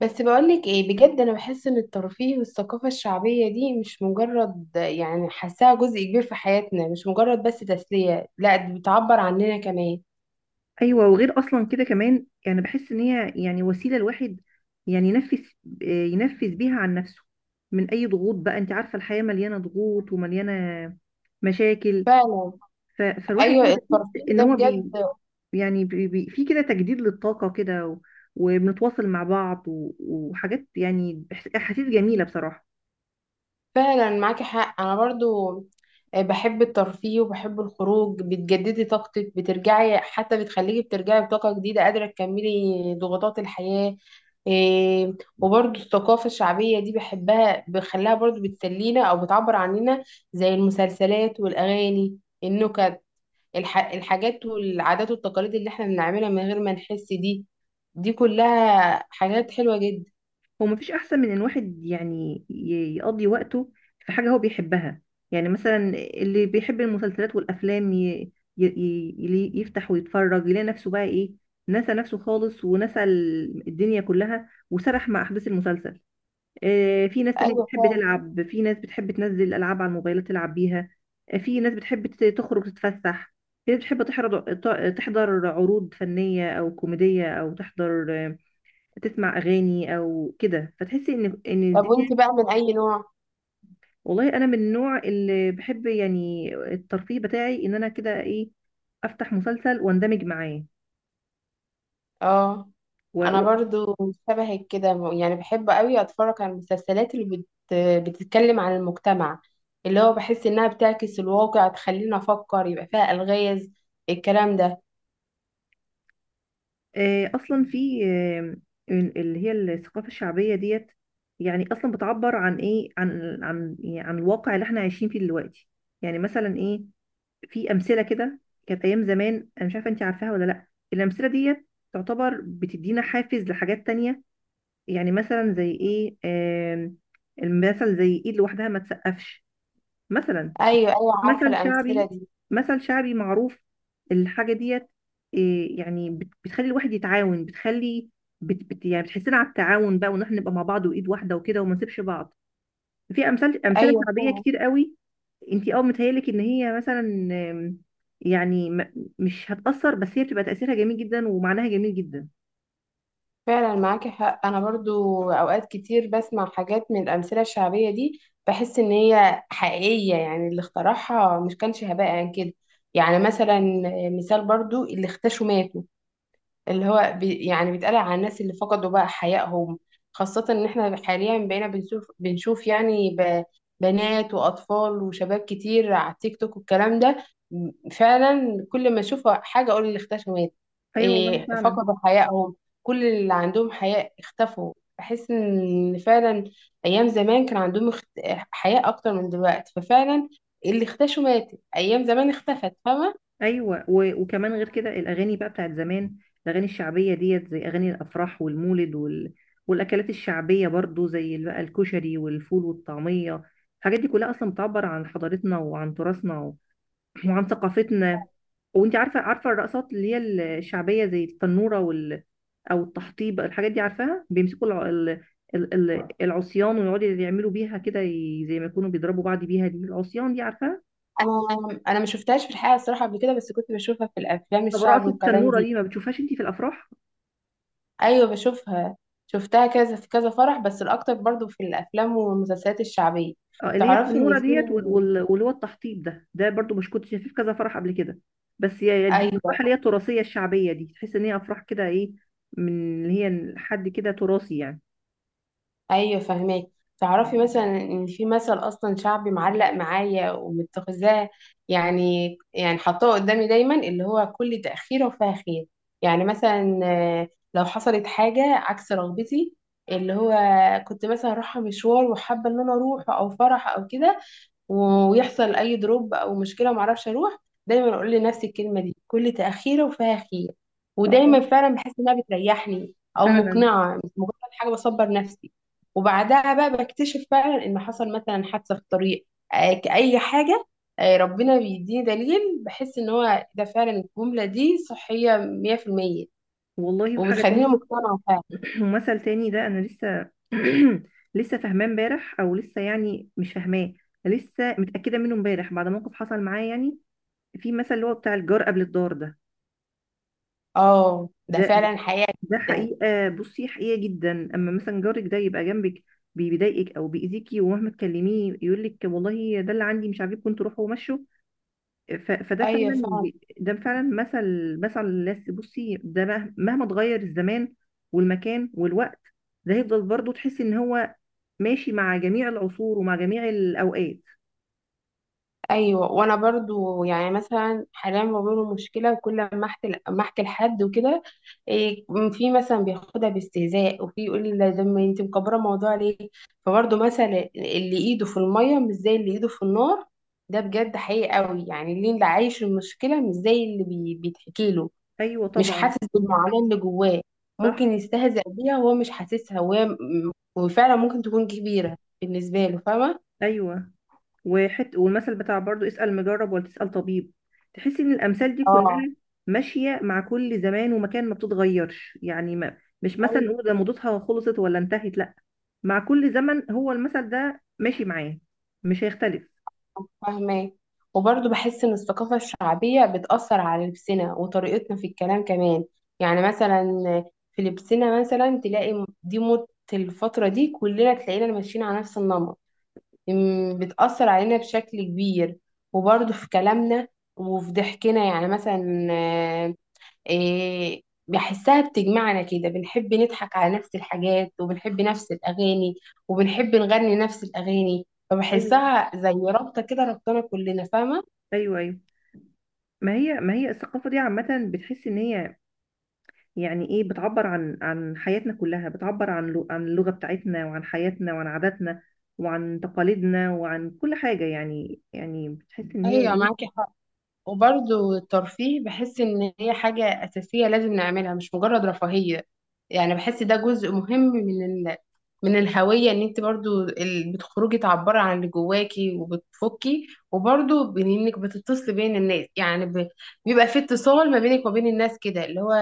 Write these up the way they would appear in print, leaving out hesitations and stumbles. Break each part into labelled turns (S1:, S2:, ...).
S1: بس بقولك ايه بجد، انا بحس ان الترفيه والثقافة الشعبية دي مش مجرد، حاساها جزء كبير في حياتنا، مش مجرد بس تسلية، لا دي بتعبر عننا كمان.
S2: ايوه، وغير اصلا كده كمان يعني بحس ان هي يعني وسيله الواحد يعني ينفس بيها عن نفسه. من اي ضغوط بقى، انت عارفه الحياه مليانه ضغوط ومليانه مشاكل.
S1: فعلا.
S2: فالواحد
S1: ايوه
S2: كده بيحس
S1: الترفيه
S2: ان
S1: ده
S2: هو
S1: بجد.
S2: يعني في كده تجديد للطاقه كده وبنتواصل مع بعض و... وحاجات، يعني احاسيس جميله بصراحه.
S1: فعلا معاكي حق، انا برضو آه، بحب الترفيه وبحب الخروج، بتجددي طاقتك، بترجعي، حتى بتخليكي بترجعي بطاقة جديدة قادرة تكملي ضغوطات الحياة. إيه. وبرضو الثقافة الشعبية دي بحبها، بخليها برضو بتسلينا او بتعبر عننا، زي المسلسلات والاغاني النكت، الحاجات والعادات والتقاليد اللي احنا بنعملها من غير ما نحس دي، دي كلها حاجات حلوة جدا.
S2: هو مفيش احسن من ان واحد يعني يقضي وقته في حاجه هو بيحبها. يعني مثلا اللي بيحب المسلسلات والافلام يفتح ويتفرج، يلاقي نفسه بقى ايه، نسى نفسه خالص ونسى الدنيا كلها، وسرح مع احداث المسلسل. في ناس تانية
S1: ايوه
S2: بتحب
S1: فعلا.
S2: تلعب، في ناس بتحب تنزل العاب على الموبايلات تلعب بيها. في ناس بتحب تخرج تتفسح، في ناس بتحب تحضر عروض فنيه او كوميديه، او تحضر تسمع اغاني او كده، فتحسي ان
S1: طب وانت
S2: الدنيا.
S1: بقى من اي نوع؟
S2: والله انا من النوع اللي بحب، يعني الترفيه بتاعي ان انا كده ايه، افتح مسلسل واندمج معاه
S1: اه
S2: و...
S1: انا
S2: و...
S1: برضو شبهك كده، يعني بحب قوي اتفرج على المسلسلات اللي بتتكلم عن المجتمع، اللي هو بحس انها بتعكس الواقع، تخلينا افكر، يبقى فيها الغاز الكلام ده.
S2: اصلا في اللي هي الثقافه الشعبيه ديت، يعني اصلا بتعبر عن ايه، عن يعني عن الواقع اللي احنا عايشين فيه دلوقتي. يعني مثلا ايه، في امثله كده كانت ايام زمان. انا مش عارفه، انت عارفاها ولا لا؟ الامثله ديت تعتبر بتدينا حافز لحاجات تانية. يعني مثلا زي ايه؟ آم، المثل زي ايد لوحدها ما تسقفش، مثلا.
S1: ايوه ايوه، عارفه
S2: مثل
S1: الامثله
S2: شعبي،
S1: دي.
S2: مثل شعبي معروف. الحاجة ديت إيه، يعني بتخلي الواحد يتعاون، بتخلي بت بت يعني بتحسنا على التعاون بقى، وان احنا نبقى مع بعض وايد واحدة وكده، وما نسيبش بعض. في امثلة
S1: ايوه
S2: شعبية
S1: فعلا.
S2: كتير قوي. انتي متهيألك ان هي مثلا، آم، يعني مش هتأثر، بس هي بتبقى تأثيرها جميل جدا ومعناها جميل جدا.
S1: فعلا معاكي حق، انا برضو اوقات كتير بسمع حاجات من الامثله الشعبيه دي، بحس ان هي حقيقيه، يعني اللي اخترعها مش كانش هباء عن كده. يعني مثلا، مثال برضو اللي اختشوا ماتوا، اللي هو يعني بيتقال على الناس اللي فقدوا بقى حيائهم. خاصة ان احنا حاليا بقينا بنشوف، يعني بنات واطفال وشباب كتير على التيك توك والكلام ده. فعلا كل ما اشوف حاجة اقول اللي اختفوا مات.
S2: ايوه والله
S1: إيه،
S2: فعلا.
S1: فقدوا حيائهم، كل اللي عندهم حياء اختفوا، بحس ان فعلا ايام زمان كان عندهم حياء اكتر من دلوقتي، ففعلا اللي اختشوا ماتت، ايام زمان اختفت فاهمة.
S2: ايوه، وكمان غير كده الاغاني بقى بتاعت زمان، الاغاني الشعبيه ديت زي اغاني الافراح والمولد والاكلات الشعبيه برضو، زي بقى الكشري والفول والطعميه. الحاجات دي كلها اصلا بتعبر عن حضارتنا وعن تراثنا وعن ثقافتنا. وانت عارفه، الرقصات اللي هي الشعبيه زي التنوره او التحطيب، الحاجات دي عارفاها. بيمسكوا العصيان ويقعدوا يعملوا بيها كده، زي ما يكونوا بيضربوا بعض بيها، دي العصيان دي عارفاها؟
S1: انا ما شفتهاش في الحقيقه الصراحه قبل كده، بس كنت بشوفها في الافلام
S2: طب
S1: الشعب
S2: رقصه
S1: والكلام
S2: التنوره
S1: دي.
S2: دي ما بتشوفهاش انت في الافراح؟
S1: ايوه بشوفها، شفتها كذا في كذا فرح، بس الاكتر برضو في الافلام والمسلسلات الشعبيه.
S2: اه، اللي هي
S1: تعرفي ان
S2: التنوره
S1: في،
S2: ديت واللي هو التحطيب ده برضو مش كنت شايفاه في كذا فرح قبل كده؟ بس هي دي الافراح
S1: ايوه
S2: اللي هي التراثيه الشعبيه دي، تحس ان هي افراح كده ايه، من اللي هي حد كده تراثي يعني.
S1: ايوه فهماك. تعرفي مثلا ان في مثل اصلا شعبي معلق معايا ومتخذاه، يعني حطاه قدامي دايما، اللي هو كل تاخير وفاه خير. يعني مثلا آه، لو حصلت حاجه عكس رغبتي، اللي هو كنت مثلا رايحه مشوار وحابه ان انا اروح او فرح او كده، ويحصل اي دروب او مشكله وما اعرفش اروح، دايما اقول لنفسي الكلمه دي، كل تاخيره وفيها خير. ودايما
S2: اه
S1: فعلا بحس انها بتريحني او
S2: فعلا
S1: مقنعه، مش مجرد حاجه بصبر نفسي. وبعدها بقى بكتشف فعلا ان حصل مثلا حادثه في الطريق، آه، كأي حاجه، آه، ربنا بيديني دليل، بحس ان هو ده فعلا. الجمله دي صحيه 100%،
S2: والله. وحاجه
S1: وبتخليني
S2: تانية،
S1: مقتنعه فعلا.
S2: ومثل تاني ده انا لسه لسه فاهماه امبارح، او لسه يعني مش فاهماه، لسه متاكده منه امبارح بعد موقف حصل معايا يعني. في مثل اللي هو بتاع الجار قبل الدار
S1: اه ده
S2: ده ده
S1: فعلا حقيقه
S2: ده
S1: جدا.
S2: حقيقة، بصي حقيقة جدا. أما مثلا جارك ده يبقى جنبك بيضايقك أو بيأذيكي، ومهما تكلميه يقولك والله ده اللي عندي مش عاجبكم انتوا، روحوا ومشوا. فده
S1: ايوه
S2: فعلا،
S1: فعلا.
S2: ده فعلا مثل، مثل الناس. بصي ده مهما اتغير الزمان والمكان والوقت، ده هيفضل برضه تحسي إن هو ماشي مع جميع العصور ومع جميع الأوقات.
S1: ايوه، وانا برضو يعني مثلا حاليا بواجه مشكله كل ما احكي، لحد وكده. إيه، في مثلا بياخدها باستهزاء، وفي يقول لي ده ما انت مكبره الموضوع ليه. فبرضو مثلا اللي ايده في الميه مش زي اللي ايده في النار، ده بجد حقيقي قوي، يعني اللي عايش المشكله مش زي اللي بيتحكي له،
S2: أيوه
S1: مش
S2: طبعا.
S1: حاسس بالمعاناه اللي جواه،
S2: صح.
S1: ممكن يستهزأ بيها وهو مش حاسسها، وهي وفعلا ممكن تكون كبيره بالنسبه له، فاهمه.
S2: أيوه، والمثل بتاع برضو اسأل مجرب ولا تسأل طبيب. تحسي ان الامثال دي
S1: اه
S2: كلها ماشية مع كل زمان ومكان، ما بتتغيرش. يعني ما مش مثلا نقول ده موضتها خلصت ولا انتهت، لا، مع كل زمن هو المثل ده ماشي معاه، مش هيختلف.
S1: فاهمة. وبرضه بحس إن الثقافة الشعبية بتأثر على لبسنا وطريقتنا في الكلام كمان. يعني مثلا في لبسنا مثلا تلاقي دي موضة الفترة دي، كلنا تلاقينا ماشيين على نفس النمط، أم، بتأثر علينا بشكل كبير. وبرضه في كلامنا وفي ضحكنا، يعني مثلا إيه، بحسها بتجمعنا كده، بنحب نضحك على نفس الحاجات، وبنحب نفس الأغاني، وبنحب نغني نفس الأغاني،
S2: ايوه،
S1: فبحسها زي رابطة كده ربطنا كلنا، فاهمة؟
S2: ايوه، ايوه. ما هي الثقافة دي عامة بتحس ان هي يعني ايه، بتعبر عن حياتنا كلها، بتعبر عن عن اللغة بتاعتنا وعن حياتنا وعن عاداتنا وعن تقاليدنا وعن كل حاجة يعني، بتحس ان هي
S1: أيوة
S2: ايه.
S1: معاكي. وبرضو الترفيه بحس إن هي حاجة أساسية لازم نعملها، مش مجرد رفاهية. يعني بحس ده جزء مهم من من الهوية، إن أنت برضو بتخرجي تعبري عن اللي جواكي وبتفكي. وبرضو إنك بتتصلي بين الناس، يعني بيبقى في اتصال ما بينك وما بين الناس، كده اللي هو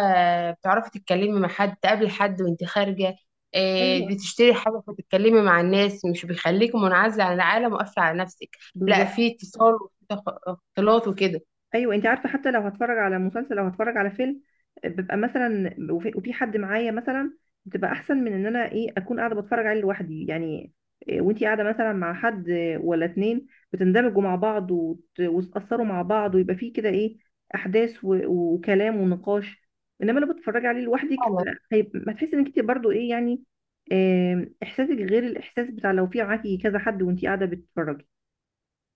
S1: بتعرفي تتكلمي مع حد، تقابلي حد وأنت خارجة آه،
S2: ايوه
S1: بتشتري حاجة فتتكلمي مع الناس، مش بيخليكي منعزلة عن العالم وقافلة على نفسك. لا،
S2: بالظبط.
S1: في اتصال وفي اختلاط وكده.
S2: ايوه، انت عارفه، حتى لو هتفرج على مسلسل او هتفرج على فيلم، ببقى مثلا وفي حد معايا مثلا، بتبقى احسن من ان انا ايه اكون قاعده بتفرج عليه لوحدي يعني. وانتي قاعده مثلا مع حد ولا اتنين، بتندمجوا مع بعض وتتاثروا مع بعض، ويبقى فيه كده ايه، احداث وكلام ونقاش. انما لو بتتفرجي عليه لوحدك،
S1: فعلا.
S2: ما تحسي انك انت برضو ايه يعني، احساسك غير الاحساس بتاع لو في معاكي كذا حد وانتي قاعده بتتفرجي.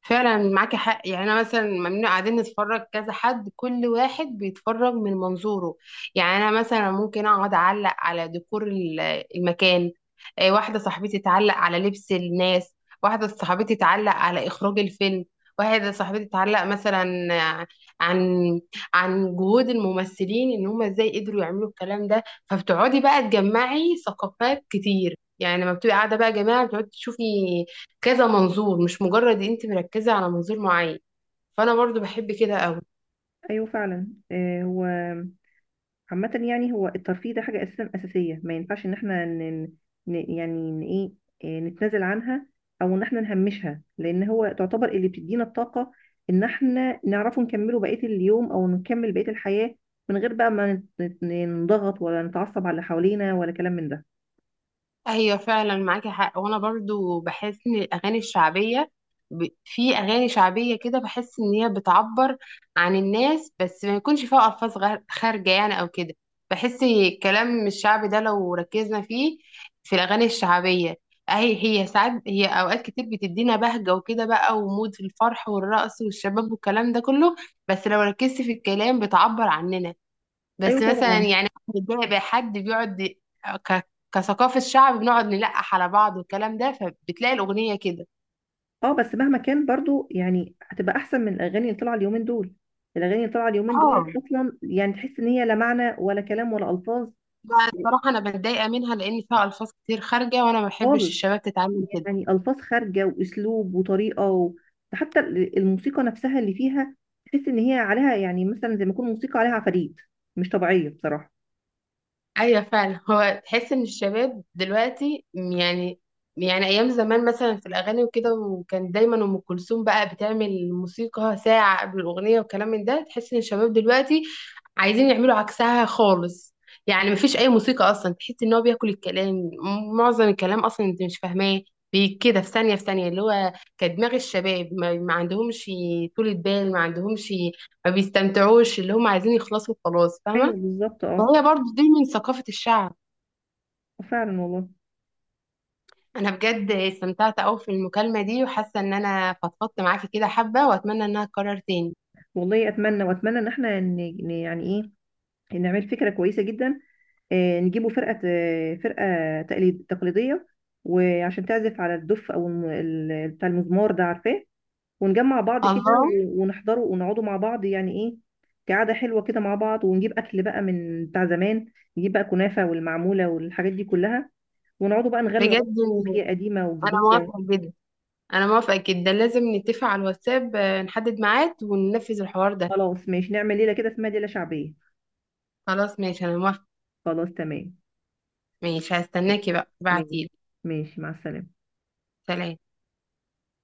S1: فعلا معاكي حق، يعني انا مثلا ممنوع قاعدين نتفرج كذا حد، كل واحد بيتفرج من منظوره. يعني انا مثلا ممكن اقعد اعلق على ديكور المكان، آه، واحده صاحبتي تعلق على لبس الناس، واحده صاحبتي تعلق على اخراج الفيلم، واحده صاحبتي تعلق مثلا آه، عن عن جهود الممثلين ان هم ازاي قدروا يعملوا الكلام ده. فبتقعدي بقى تجمعي ثقافات كتير، يعني لما بتبقي قاعده بقى جماعه، بتقعدي تشوفي كذا منظور، مش مجرد انت مركزة على منظور معين. فانا برضو بحب كده قوي.
S2: ايوه فعلا. هو عامة يعني، هو الترفيه ده حاجة أساسية، ما ينفعش إن إحنا يعني إن إيه إيه، نتنازل عنها، أو إن إحنا نهمشها، لأن هو تعتبر اللي بتدينا الطاقة، إن إحنا نعرفه نكمله بقية اليوم أو نكمل بقية الحياة، من غير بقى ما نضغط ولا نتعصب على اللي حوالينا، ولا كلام من ده.
S1: ايوه فعلا معاكي حق، وانا برضو بحس ان الاغاني الشعبية، في اغاني شعبية كده بحس ان هي بتعبر عن الناس، بس ما يكونش فيها الفاظ خارجة يعني او كده. بحس الكلام الشعبي ده لو ركزنا فيه، في الاغاني الشعبية، اهي هي ساعات هي اوقات كتير بتدينا بهجة وكده بقى، ومود في الفرح والرقص والشباب والكلام ده كله، بس لو ركزت في الكلام بتعبر عننا.
S2: أيوة
S1: بس مثلا
S2: طبعا.
S1: يعني أنا بتضايق بقى حد بيقعد كثقافة شعب بنقعد نلقح على بعض والكلام ده، فبتلاقي الأغنية كده.
S2: أه، بس مهما كان برضو يعني هتبقى أحسن من الأغاني اللي طالعة اليومين دول. الأغاني اللي طالعة اليومين دول
S1: اه
S2: أصلا يعني، تحس إن هي لا معنى ولا كلام ولا ألفاظ
S1: لا الصراحة أنا بتضايق منها لأن فيها ألفاظ كتير خارجة، وأنا ما بحبش
S2: خالص.
S1: الشباب تتعامل كده.
S2: يعني ألفاظ خارجة وأسلوب وطريقة حتى الموسيقى نفسها اللي فيها، تحس إن هي عليها يعني مثلا زي ما يكون موسيقى عليها عفاريت، مش طبيعية بصراحة.
S1: ايوه فعلا، هو تحس ان الشباب دلوقتي يعني، يعني ايام زمان مثلا في الاغاني وكده، وكان دايما ام كلثوم بقى بتعمل موسيقى ساعه قبل الاغنيه وكلام من ده، تحس ان الشباب دلوقتي عايزين يعملوا عكسها خالص. يعني مفيش اي موسيقى اصلا، تحس ان هو بياكل الكلام، معظم الكلام اصلا انت مش فاهماه، كده في ثانيه في ثانيه، اللي هو كدماغ الشباب ما عندهمش طولة بال، ما عندهمش، ما بيستمتعوش، اللي هم عايزين يخلصوا خلاص
S2: أيوه
S1: فاهمه.
S2: بالظبط. أه
S1: وهي برضو دي من ثقافة الشعب.
S2: فعلا والله.
S1: أنا بجد استمتعت أوي في المكالمة دي، وحاسة إن أنا فضفضت معاكي كده حبة، وأتمنى إنها تتكرر تاني.
S2: والله أتمنى، وأتمنى إن إحنا يعني إيه، نعمل فكرة كويسة جدا. نجيبوا فرقة، فرقة تقليدية، وعشان تعزف على الدف أو بتاع المزمار ده، عارفاه؟ ونجمع بعض كده
S1: الله.
S2: ونحضره ونقعدوا مع بعض، يعني ايه، كعادة حلوة كده مع بعض، ونجيب أكل بقى من بتاع زمان، نجيب بقى كنافة والمعمولة والحاجات دي كلها، ونقعدوا بقى نغنوا أغاني
S1: بجد
S2: شعبية قديمة
S1: أنا
S2: وجديدة.
S1: موافقة جدا. أنا موافقة جدا، لازم نتفق على الواتساب آه، نحدد ميعاد وننفذ الحوار ده.
S2: خلاص ماشي، نعمل ليلة كده اسمها ليلة شعبية.
S1: خلاص ماشي أنا موافقة.
S2: خلاص تمام.
S1: ماشي هستناكي بقى
S2: ماشي،
S1: ابعتيلي.
S2: ماشي مع السلامة.
S1: سلام.